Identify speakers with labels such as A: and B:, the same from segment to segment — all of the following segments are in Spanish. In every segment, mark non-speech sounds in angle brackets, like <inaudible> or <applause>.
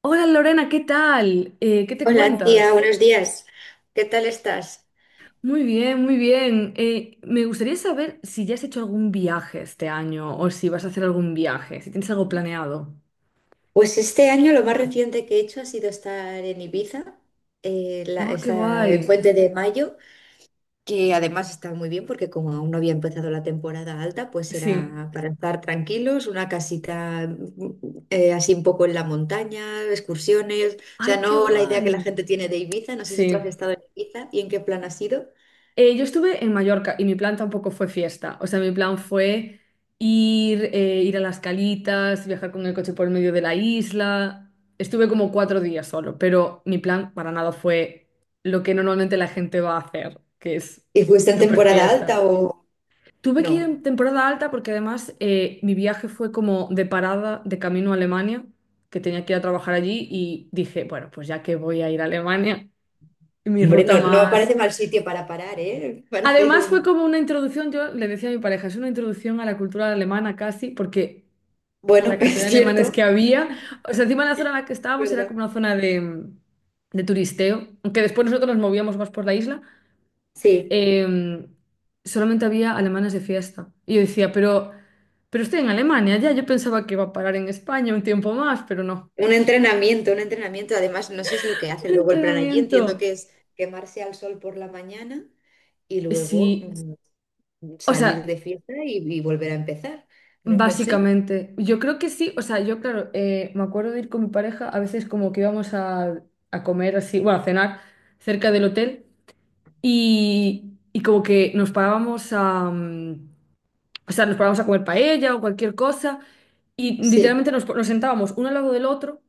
A: Hola Lorena, ¿qué tal? ¿Qué te
B: Hola tía,
A: cuentas?
B: buenos días. ¿Qué tal estás?
A: Muy bien, muy bien. Me gustaría saber si ya has hecho algún viaje este año o si vas a hacer algún viaje, si tienes algo planeado.
B: Pues este año lo más reciente que he hecho ha sido estar en Ibiza,
A: ¡Oh, qué
B: el
A: guay!
B: puente de mayo, que además está muy bien porque como aún no había empezado la temporada alta, pues
A: Sí.
B: era para estar tranquilos, una casita así un poco en la montaña, excursiones, o sea,
A: ¡Ay, qué
B: no la idea que la
A: guay!
B: gente tiene de Ibiza, no sé si tú has
A: Sí.
B: estado en Ibiza y en qué plan has ido.
A: Yo estuve en Mallorca y mi plan tampoco fue fiesta. O sea, mi plan fue ir a las calitas, viajar con el coche por el medio de la isla. Estuve como 4 días solo, pero mi plan para nada fue lo que normalmente la gente va a hacer, que es
B: ¿Y fuiste en
A: súper
B: temporada alta
A: fiesta.
B: o
A: Tuve
B: no?
A: que ir en temporada alta porque además mi viaje fue como de parada de camino a Alemania, que tenía que ir a trabajar allí y dije, bueno, pues ya que voy a ir a Alemania, <laughs> mi
B: Hombre,
A: ruta
B: no, no me
A: más
B: parece mal sitio para parar, ¿eh? <laughs> Para hacer
A: Además fue
B: un...
A: como una introducción, yo le decía a mi pareja, es una introducción a la cultura alemana casi, porque
B: Bueno,
A: la
B: <laughs>
A: cantidad
B: es
A: de alemanes
B: cierto,
A: que había, o sea, encima la zona en la que estábamos era
B: ¿verdad?
A: como una zona de turisteo, aunque después nosotros nos movíamos más por la isla,
B: Sí,
A: eh, solamente había alemanes de fiesta. Y yo decía, pero estoy en Alemania ya, yo pensaba que iba a parar en España un tiempo más, pero no.
B: un entrenamiento, un entrenamiento. Además, no sé si lo que
A: Un
B: hacen luego el plan allí. Entiendo
A: entrenamiento.
B: que es quemarse al sol por la mañana y luego
A: Sí, o
B: salir
A: sea...
B: de fiesta y volver a empezar. No lo sé.
A: Básicamente, yo creo que sí, o sea, yo claro, me acuerdo de ir con mi pareja, a veces como que íbamos a comer así, bueno, a cenar cerca del hotel y como que nos parábamos a o sea, nos parábamos a comer paella o cualquier cosa y
B: Sí.
A: literalmente nos sentábamos uno al lado del otro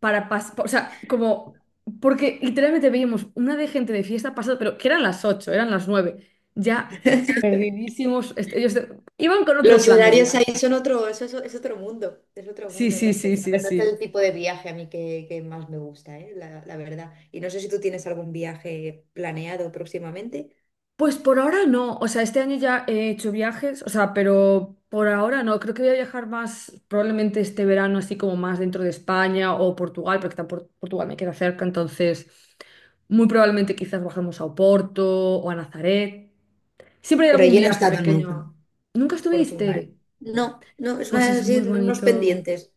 A: para pasar, o sea, como, porque literalmente veíamos una de gente de fiesta pasada, pero que eran las 8 eran las 9 ya perdidísimos, este, ellos iban con otro
B: Los
A: plan de
B: horarios
A: viaje.
B: ahí son otro, eso es otro
A: Sí,
B: mundo,
A: sí,
B: no sé.
A: sí,
B: La
A: sí,
B: verdad es el
A: sí.
B: tipo de viaje a mí que más me gusta, ¿eh? La verdad. Y no sé si tú tienes algún viaje planeado próximamente.
A: Pues por ahora no, o sea, este año ya he hecho viajes, o sea, pero por ahora no, creo que voy a viajar más probablemente este verano, así como más dentro de España o Portugal, porque tampoco Portugal me queda cerca, entonces muy probablemente quizás bajemos a Oporto o a Nazaret. Siempre hay
B: Por
A: algún
B: allí no he
A: viaje
B: estado nunca,
A: pequeño. ¿Nunca
B: Portugal.
A: estuviste?
B: No, no, es
A: Pues
B: una,
A: es
B: sí,
A: muy
B: unos
A: bonito.
B: pendientes.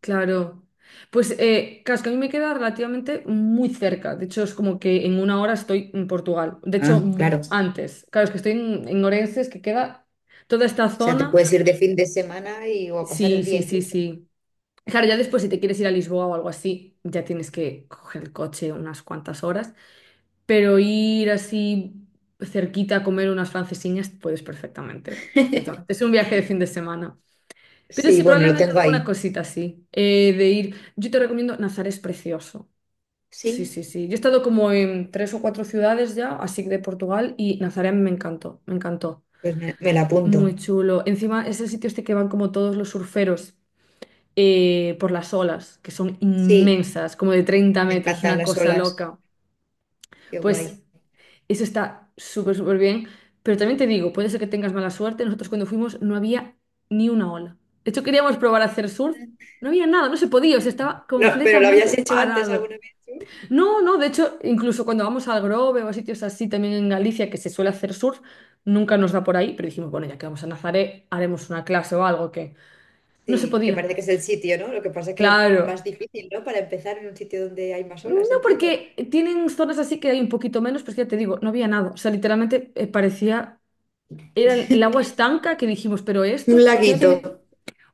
A: Claro. Pues claro, es que a mí me queda relativamente muy cerca. De hecho, es como que en 1 hora estoy en Portugal. De hecho,
B: Ah, claro. O
A: antes. Claro, es que estoy en Orense, es que queda toda esta
B: sea, te
A: zona.
B: puedes ir de fin de semana y, o a pasar
A: Sí,
B: el día
A: sí, sí,
B: incluso.
A: sí. Claro,
B: Claro,
A: ya
B: está
A: después si
B: súper
A: te quieres ir a Lisboa o algo así, ya tienes que coger el coche unas cuantas horas. Pero ir así cerquita a comer unas francesiñas, puedes perfectamente,
B: bien.
A: perfectamente.
B: <laughs>
A: Es un viaje de fin de semana. Pero
B: Sí,
A: sí,
B: bueno, lo
A: probablemente
B: tengo
A: alguna
B: ahí.
A: cosita así. De ir. Yo te recomiendo, Nazar es precioso. Sí,
B: Sí,
A: sí, sí. Yo he estado como en tres o cuatro ciudades ya, así de Portugal, y Nazaré a mí me encantó, me encantó.
B: pues me la apunto.
A: Muy chulo. Encima es el sitio este que van como todos los surferos por las olas, que son
B: Sí,
A: inmensas, como de 30
B: me
A: metros,
B: encantan
A: una
B: las
A: cosa
B: olas.
A: loca.
B: Qué guay.
A: Pues eso está súper, súper bien. Pero también te digo, puede ser que tengas mala suerte. Nosotros cuando fuimos no había ni una ola. De hecho, queríamos probar a hacer surf. No había nada, no se podía, o sea, estaba
B: No, pero lo
A: completamente
B: habías hecho antes
A: parado.
B: alguna vez tú.
A: No, no, de hecho, incluso cuando vamos al Grove o a sitios así también en Galicia que se suele hacer surf, nunca nos da por ahí, pero dijimos, bueno, ya que vamos a Nazaré, haremos una clase o algo que no se
B: Sí, que
A: podía.
B: parece que es el sitio, ¿no? Lo que pasa que
A: Claro.
B: más difícil, ¿no? Para empezar en un sitio donde hay más
A: No,
B: olas, entiendo.
A: porque tienen zonas así que hay un poquito menos, pero es que ya te digo, no había nada. O sea, literalmente parecía Era el agua
B: <laughs>
A: estanca que dijimos, pero
B: Un
A: esto, encima
B: laguito.
A: tiene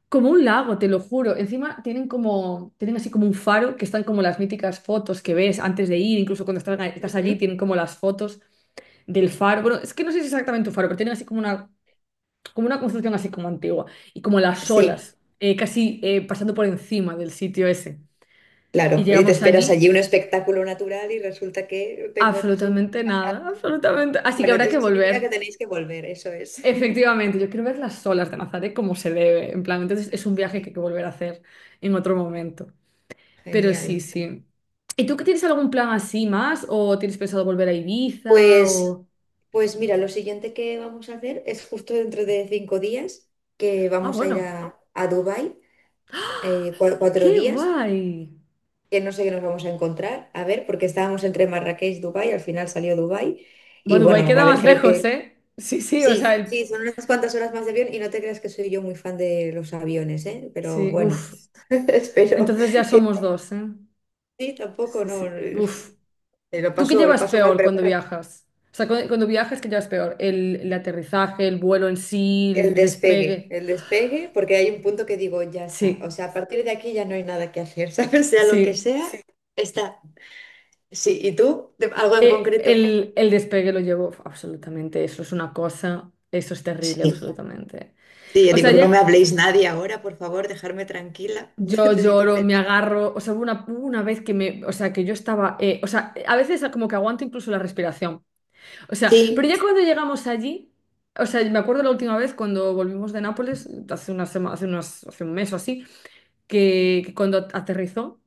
A: como un lago, te lo juro. Encima tienen como, tienen así como un faro que están como las míticas fotos que ves antes de ir, incluso cuando estás, estás allí
B: Ujú.
A: tienen como las fotos del faro. Bueno, es que no sé si es exactamente un faro, pero tienen así como una construcción así como antigua y como las
B: Sí,
A: olas, casi pasando por encima del sitio ese. Y
B: claro, y te
A: llegamos
B: esperas
A: allí,
B: allí un espectáculo natural y resulta que te encuentras un...
A: absolutamente nada, absolutamente. Así que
B: Bueno,
A: habrá que
B: eso significa que
A: volver.
B: tenéis que volver, eso es. <laughs>
A: Efectivamente, yo quiero ver las olas de Nazaré como se debe, en plan, entonces
B: Claro
A: es
B: que
A: un viaje que hay
B: sí,
A: que volver a hacer en otro momento. Pero
B: genial.
A: sí, sí. ¿Y tú qué tienes algún plan así más? ¿O tienes pensado volver a Ibiza?
B: Pues,
A: O...
B: pues mira, lo siguiente que vamos a hacer es justo dentro de 5 días, que
A: Ah,
B: vamos a ir
A: bueno,
B: a Dubái,
A: qué
B: 4 días,
A: guay.
B: que no sé qué nos vamos a encontrar, a ver, porque estábamos entre Marrakech y Dubái, al final salió Dubái, y
A: Bueno, Dubái
B: bueno, va a
A: queda
B: haber
A: más
B: creo
A: lejos,
B: que
A: ¿eh? Sí, sí, o
B: sí,
A: sea, el-
B: sí, son unas cuantas horas más de avión y no te creas que soy yo muy fan de los aviones, ¿eh? Pero
A: sí,
B: bueno,
A: uff.
B: <laughs> espero
A: Entonces ya
B: que
A: somos dos, ¿eh?
B: sí, tampoco,
A: Sí,
B: no,
A: sí,
B: eh,
A: uff. ¿Tú qué
B: lo
A: llevas
B: paso mal,
A: peor
B: pero
A: cuando
B: bueno,
A: viajas? O sea, cuando viajas, ¿qué llevas peor? El aterrizaje, el vuelo en sí, el despegue.
B: el despegue, porque hay un punto que digo, ya está, o
A: Sí.
B: sea, a partir de aquí ya no hay nada que hacer, <laughs> ¿sabes? Sea lo que
A: Sí,
B: sea, sí. Está. Sí, ¿y tú? ¿De- ¿Algo en concreto?
A: el despegue lo llevo absolutamente, eso es una cosa, eso es terrible,
B: Sí,
A: absolutamente.
B: sí, yo
A: O sea,
B: digo, no
A: ya
B: me habléis nadie ahora, por favor, dejarme tranquila, <laughs>
A: yo
B: necesito
A: lloro, me
B: pensar.
A: agarro, o sea, hubo una vez que me, o sea, que yo estaba, o sea, a veces como que aguanto incluso la respiración, o sea, pero
B: Sí,
A: ya cuando llegamos allí, o sea, me acuerdo la última vez cuando volvimos de Nápoles, hace una sema- hace unas, hace un mes o así, que cuando aterrizó.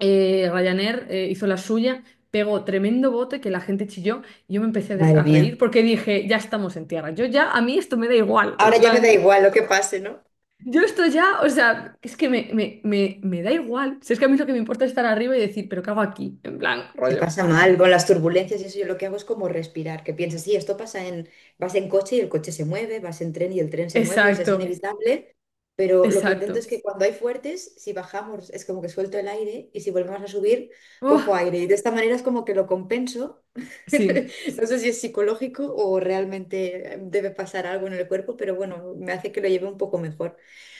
A: Ryanair hizo la suya, pegó tremendo bote que la gente chilló. Yo me empecé a, de-
B: madre
A: a reír
B: mía.
A: porque dije, ya estamos en tierra. Yo ya, a mí esto me da igual. En
B: Ahora ya me da
A: plan,
B: igual lo que pase, ¿no?
A: yo esto ya, o sea, es que me, me da igual. Si es que a mí lo que me importa es estar arriba y decir, pero ¿qué hago aquí? En plan,
B: Se
A: rollo.
B: pasa mal con las turbulencias y eso yo lo que hago es como respirar, que piensas, sí, esto pasa en, vas en coche y el coche se mueve, vas en tren y el tren se mueve, o sea, es
A: Exacto,
B: inevitable, pero lo que intento
A: exacto.
B: es que cuando hay fuertes, si bajamos es como que suelto el aire y si volvemos a subir, cojo
A: Uf,
B: aire y de esta manera es como que lo compenso.
A: sí,
B: <laughs> No sé si es psicológico o realmente debe pasar algo en el cuerpo, pero bueno, me hace que lo lleve un poco mejor.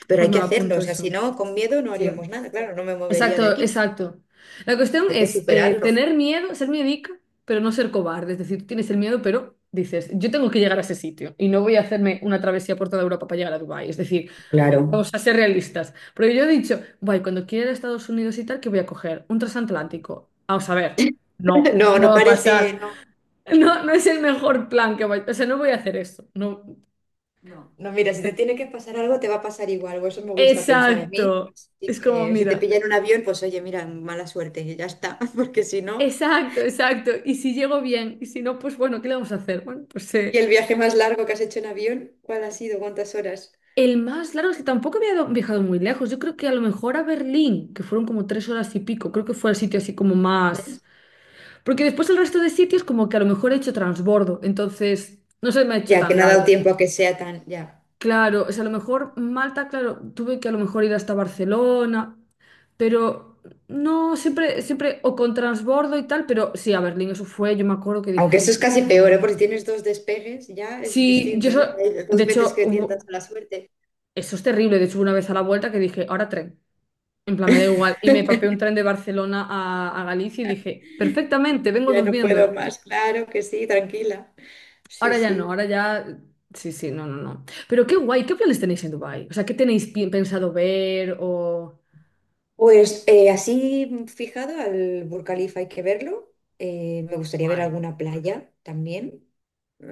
B: Pero
A: pues
B: hay
A: me
B: que
A: lo
B: hacerlo,
A: apunto
B: o sea, si
A: eso.
B: no, con miedo no
A: Sí.
B: haríamos nada, claro, no me movería de
A: Exacto,
B: aquí,
A: exacto. La cuestión
B: hay que
A: es
B: superarlo.
A: tener miedo, ser miedica, pero no ser cobarde. Es decir, tú tienes el miedo, pero dices, yo tengo que llegar a ese sitio y no voy a hacerme una travesía por toda Europa para llegar a Dubái. Es decir,
B: Claro.
A: vamos a ser realistas. Pero yo he dicho, guay, cuando quiera ir a Estados Unidos y tal, que voy a coger un transatlántico. Vamos a ver,
B: <laughs>
A: no,
B: No,
A: no
B: no
A: va a pasar.
B: parece,
A: <laughs>
B: no.
A: No, no es el mejor plan que vaya. O sea, no voy a hacer eso. No.
B: No. No, mira, si te tiene que pasar algo, te va a pasar igual, o eso me gusta pensar a mí.
A: Exacto.
B: Así
A: Es como,
B: que si te
A: mira.
B: pilla en un avión, pues oye, mira, mala suerte, y ya está, <laughs> porque si no.
A: Exacto, exacto. Y si llego bien, y si no, pues bueno, ¿qué le vamos a hacer? Bueno, pues
B: ¿Y el viaje más largo que has hecho en avión? ¿Cuál ha sido? ¿Cuántas horas?
A: el más largo es que tampoco había viajado muy lejos. Yo creo que a lo mejor a Berlín, que fueron como 3 horas y pico, creo que fue el sitio así como más. Porque después el resto de sitios, como que a lo mejor he hecho transbordo, entonces no se me ha hecho
B: Ya, que
A: tan
B: no ha dado
A: largo.
B: tiempo a que sea tan, ya.
A: Claro, o sea, a lo mejor Malta, claro, tuve que a lo mejor ir hasta Barcelona, pero no, siempre, siempre, o con transbordo y tal, pero sí, a Berlín, eso fue, yo me acuerdo que dije,
B: Aunque eso es
A: Jesús.
B: casi peor, ¿eh? Porque si tienes dos despegues, ya es
A: Sí, yo
B: distinto, ¿eh?
A: eso,
B: Hay
A: de
B: dos veces
A: hecho,
B: que tientas
A: hubo-
B: a la suerte.
A: eso es terrible. De hecho, hubo una vez a la vuelta que dije, ahora tren. En plan, me da igual. Y me papé un tren de Barcelona a Galicia y dije, perfectamente, vengo
B: Ya no puedo
A: durmiendo.
B: más, claro que sí, tranquila. Sí,
A: Ahora ya no,
B: sí.
A: ahora ya. Sí, sí, no, no, no. Pero qué guay, ¿qué planes tenéis en Dubái? O sea, ¿qué tenéis pensado ver o...?
B: Pues fijado al Burj Khalifa hay que verlo. Me gustaría ver
A: Guay.
B: alguna playa también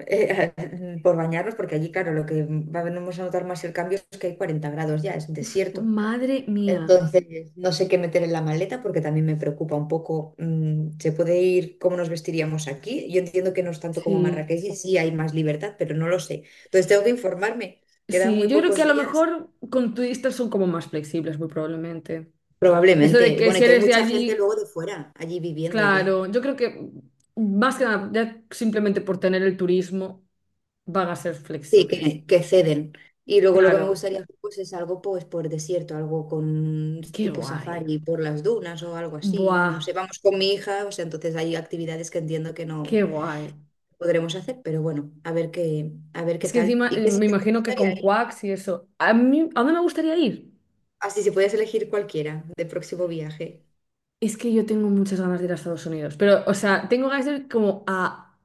B: eh, <laughs> por bañarnos, porque allí, claro, lo que vamos a notar más el cambio es que hay 40 grados ya, es desierto.
A: Madre mía.
B: Entonces, no sé qué meter en la maleta porque también me preocupa un poco. ¿Se puede ir cómo nos vestiríamos aquí? Yo entiendo que no es tanto como
A: Sí,
B: Marrakech, y sí hay más libertad, pero no lo sé. Entonces, tengo que informarme. Quedan
A: sí.
B: muy
A: Yo creo que
B: pocos
A: a lo
B: días.
A: mejor con turistas son como más flexibles, muy probablemente. De eso de
B: Probablemente.
A: que
B: Bueno, y
A: si
B: que hay
A: eres de
B: mucha gente
A: allí.
B: luego de fuera, allí viviendo ya.
A: Claro, yo creo que más que nada, ya simplemente por tener el turismo, van a ser
B: Sí,
A: flexibles.
B: que ceden. Y luego lo que
A: Claro,
B: me gustaría hacer pues, es algo pues, por desierto, algo con
A: qué
B: tipo
A: guay.
B: safari por las dunas o algo así.
A: Buah,
B: No sé, vamos con mi hija, o sea, entonces hay actividades que entiendo que no
A: qué guay.
B: podremos hacer, pero bueno, a ver qué
A: Es que
B: tal.
A: encima
B: ¿Y qué
A: me
B: sitio te
A: imagino que
B: gustaría
A: con
B: ir?
A: Quacks y eso. A mí, ¿a dónde me gustaría ir?
B: Así, si puedes elegir cualquiera de próximo viaje.
A: Es que yo tengo muchas ganas de ir a Estados Unidos, pero, o sea, tengo ganas de ir como a,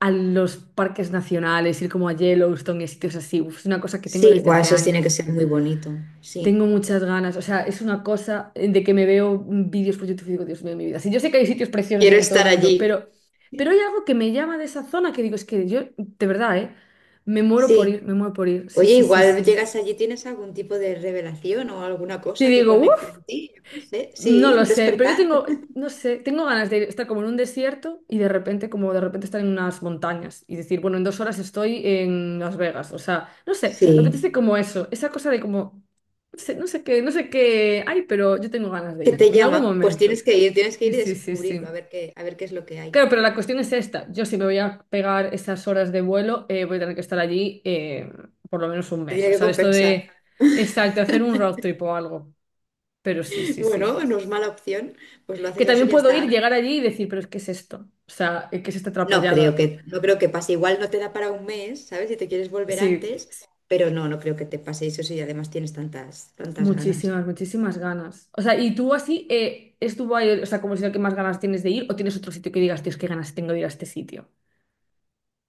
A: los parques nacionales, ir como a Yellowstone y sitios así. Uf, es una cosa que tengo
B: Sí,
A: desde
B: guau,
A: hace
B: eso tiene que
A: años.
B: ser muy bonito. Sí,
A: Tengo muchas ganas, o sea, es una cosa de que me veo vídeos por YouTube y digo, Dios mío, mi vida. Sí, yo sé que hay sitios preciosos
B: quiero
A: en todo el
B: estar
A: mundo,
B: allí.
A: pero hay algo que me llama de esa zona que digo, es que yo, de verdad, ¿eh? Me muero por
B: Sí.
A: ir, me muero por ir. Sí,
B: Oye,
A: sí, sí,
B: igual
A: sí.
B: llegas allí, ¿tienes algún tipo de revelación o alguna
A: Y
B: cosa que
A: digo,
B: conecte
A: uff.
B: en ti? Yo qué sé.
A: No
B: Sí,
A: lo
B: un
A: sé, pero yo
B: despertar.
A: tengo, no sé, tengo ganas de estar como en un desierto y de repente, como de repente estar en unas montañas y decir, bueno, en 2 horas estoy en Las Vegas. O sea, no sé, me
B: Sí,
A: apetece como eso, esa cosa de como, no sé, no sé qué, no sé qué hay, pero yo tengo ganas de
B: que
A: ir
B: te
A: en algún
B: llama. Pues
A: momento.
B: tienes que
A: Sí,
B: ir y
A: sí, sí,
B: descubrirlo,
A: sí.
B: a ver qué es lo que hay.
A: Claro, pero la cuestión es esta. Yo si me voy a pegar esas horas de vuelo, voy a tener que estar allí por lo menos un
B: Te
A: mes.
B: tiene
A: O
B: que
A: sea, esto
B: compensar.
A: de,
B: <laughs>
A: exacto, hacer un road trip o algo. Pero sí, sí, sí.
B: Bueno, no es mala opción, pues lo
A: Que
B: haces así
A: también
B: y ya
A: puedo ir,
B: está.
A: llegar allí y decir, pero ¿es que es esto? O sea, ¿qué es esta
B: No creo
A: atrapallada?
B: que, no creo que pase. Igual no te da para un mes, ¿sabes? Si te quieres volver
A: Sí,
B: antes, pero no, no creo que te pase eso si además tienes tantas, tantas ganas.
A: muchísimas, muchísimas ganas. O sea, ¿y tú así es Dubái, el- o sea, como si lo que más ganas tienes de ir o tienes otro sitio que digas, Dios, qué ganas tengo de ir a este sitio?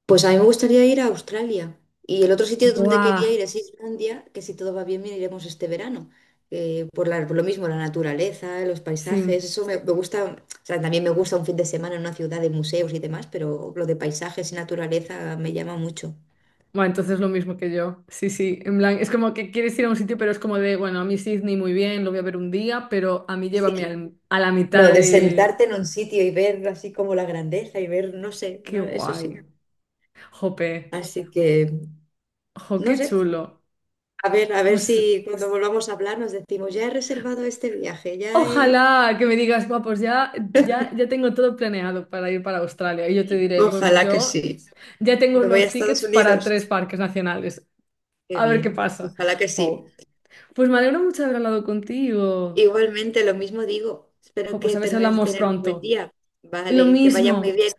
B: Pues a mí me gustaría ir a Australia. Y el otro sitio donde quería
A: Buah,
B: ir es Islandia, que si todo va bien, bien iremos este verano. Por lo mismo, la naturaleza, los paisajes,
A: sí.
B: eso me, me gusta. O sea, también me gusta un fin de semana en una ciudad de museos y demás, pero lo de paisajes y naturaleza me llama mucho.
A: Bueno, entonces lo mismo que yo. Sí, sí, en plan, es como que quieres ir a un sitio, pero es como de, bueno, a mí Sydney muy bien, lo voy a ver un día, pero a mí
B: Sí.
A: llévame al- a la mitad
B: No, de
A: de...
B: sentarte en un sitio y ver así como la grandeza y ver, no sé,
A: Qué
B: no, eso sí.
A: guay. Jope.
B: Así que,
A: Jo,
B: no
A: qué
B: sé,
A: chulo.
B: a ver
A: Pues
B: si cuando volvamos a hablar nos decimos, ya he reservado este viaje, ya he...
A: ojalá que me digas, guau, pues ya tengo todo planeado para ir para Australia. Y yo te diré, bueno, pues
B: Ojalá que
A: yo
B: sí.
A: ya tengo
B: Me voy a
A: los
B: Estados
A: tickets para tres
B: Unidos.
A: parques nacionales.
B: Qué
A: A ver qué
B: bien.
A: pasa.
B: Ojalá que sí.
A: Jo, pues me alegro mucho de haber hablado contigo.
B: Igualmente, lo mismo digo.
A: Jo,
B: Espero
A: pues
B: que
A: a ver si
B: termines de
A: hablamos
B: tener un buen
A: pronto.
B: día.
A: Lo
B: Vale, que vaya muy
A: mismo.
B: bien.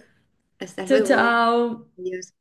B: Hasta
A: Chao,
B: luego.
A: chao.
B: Adiós.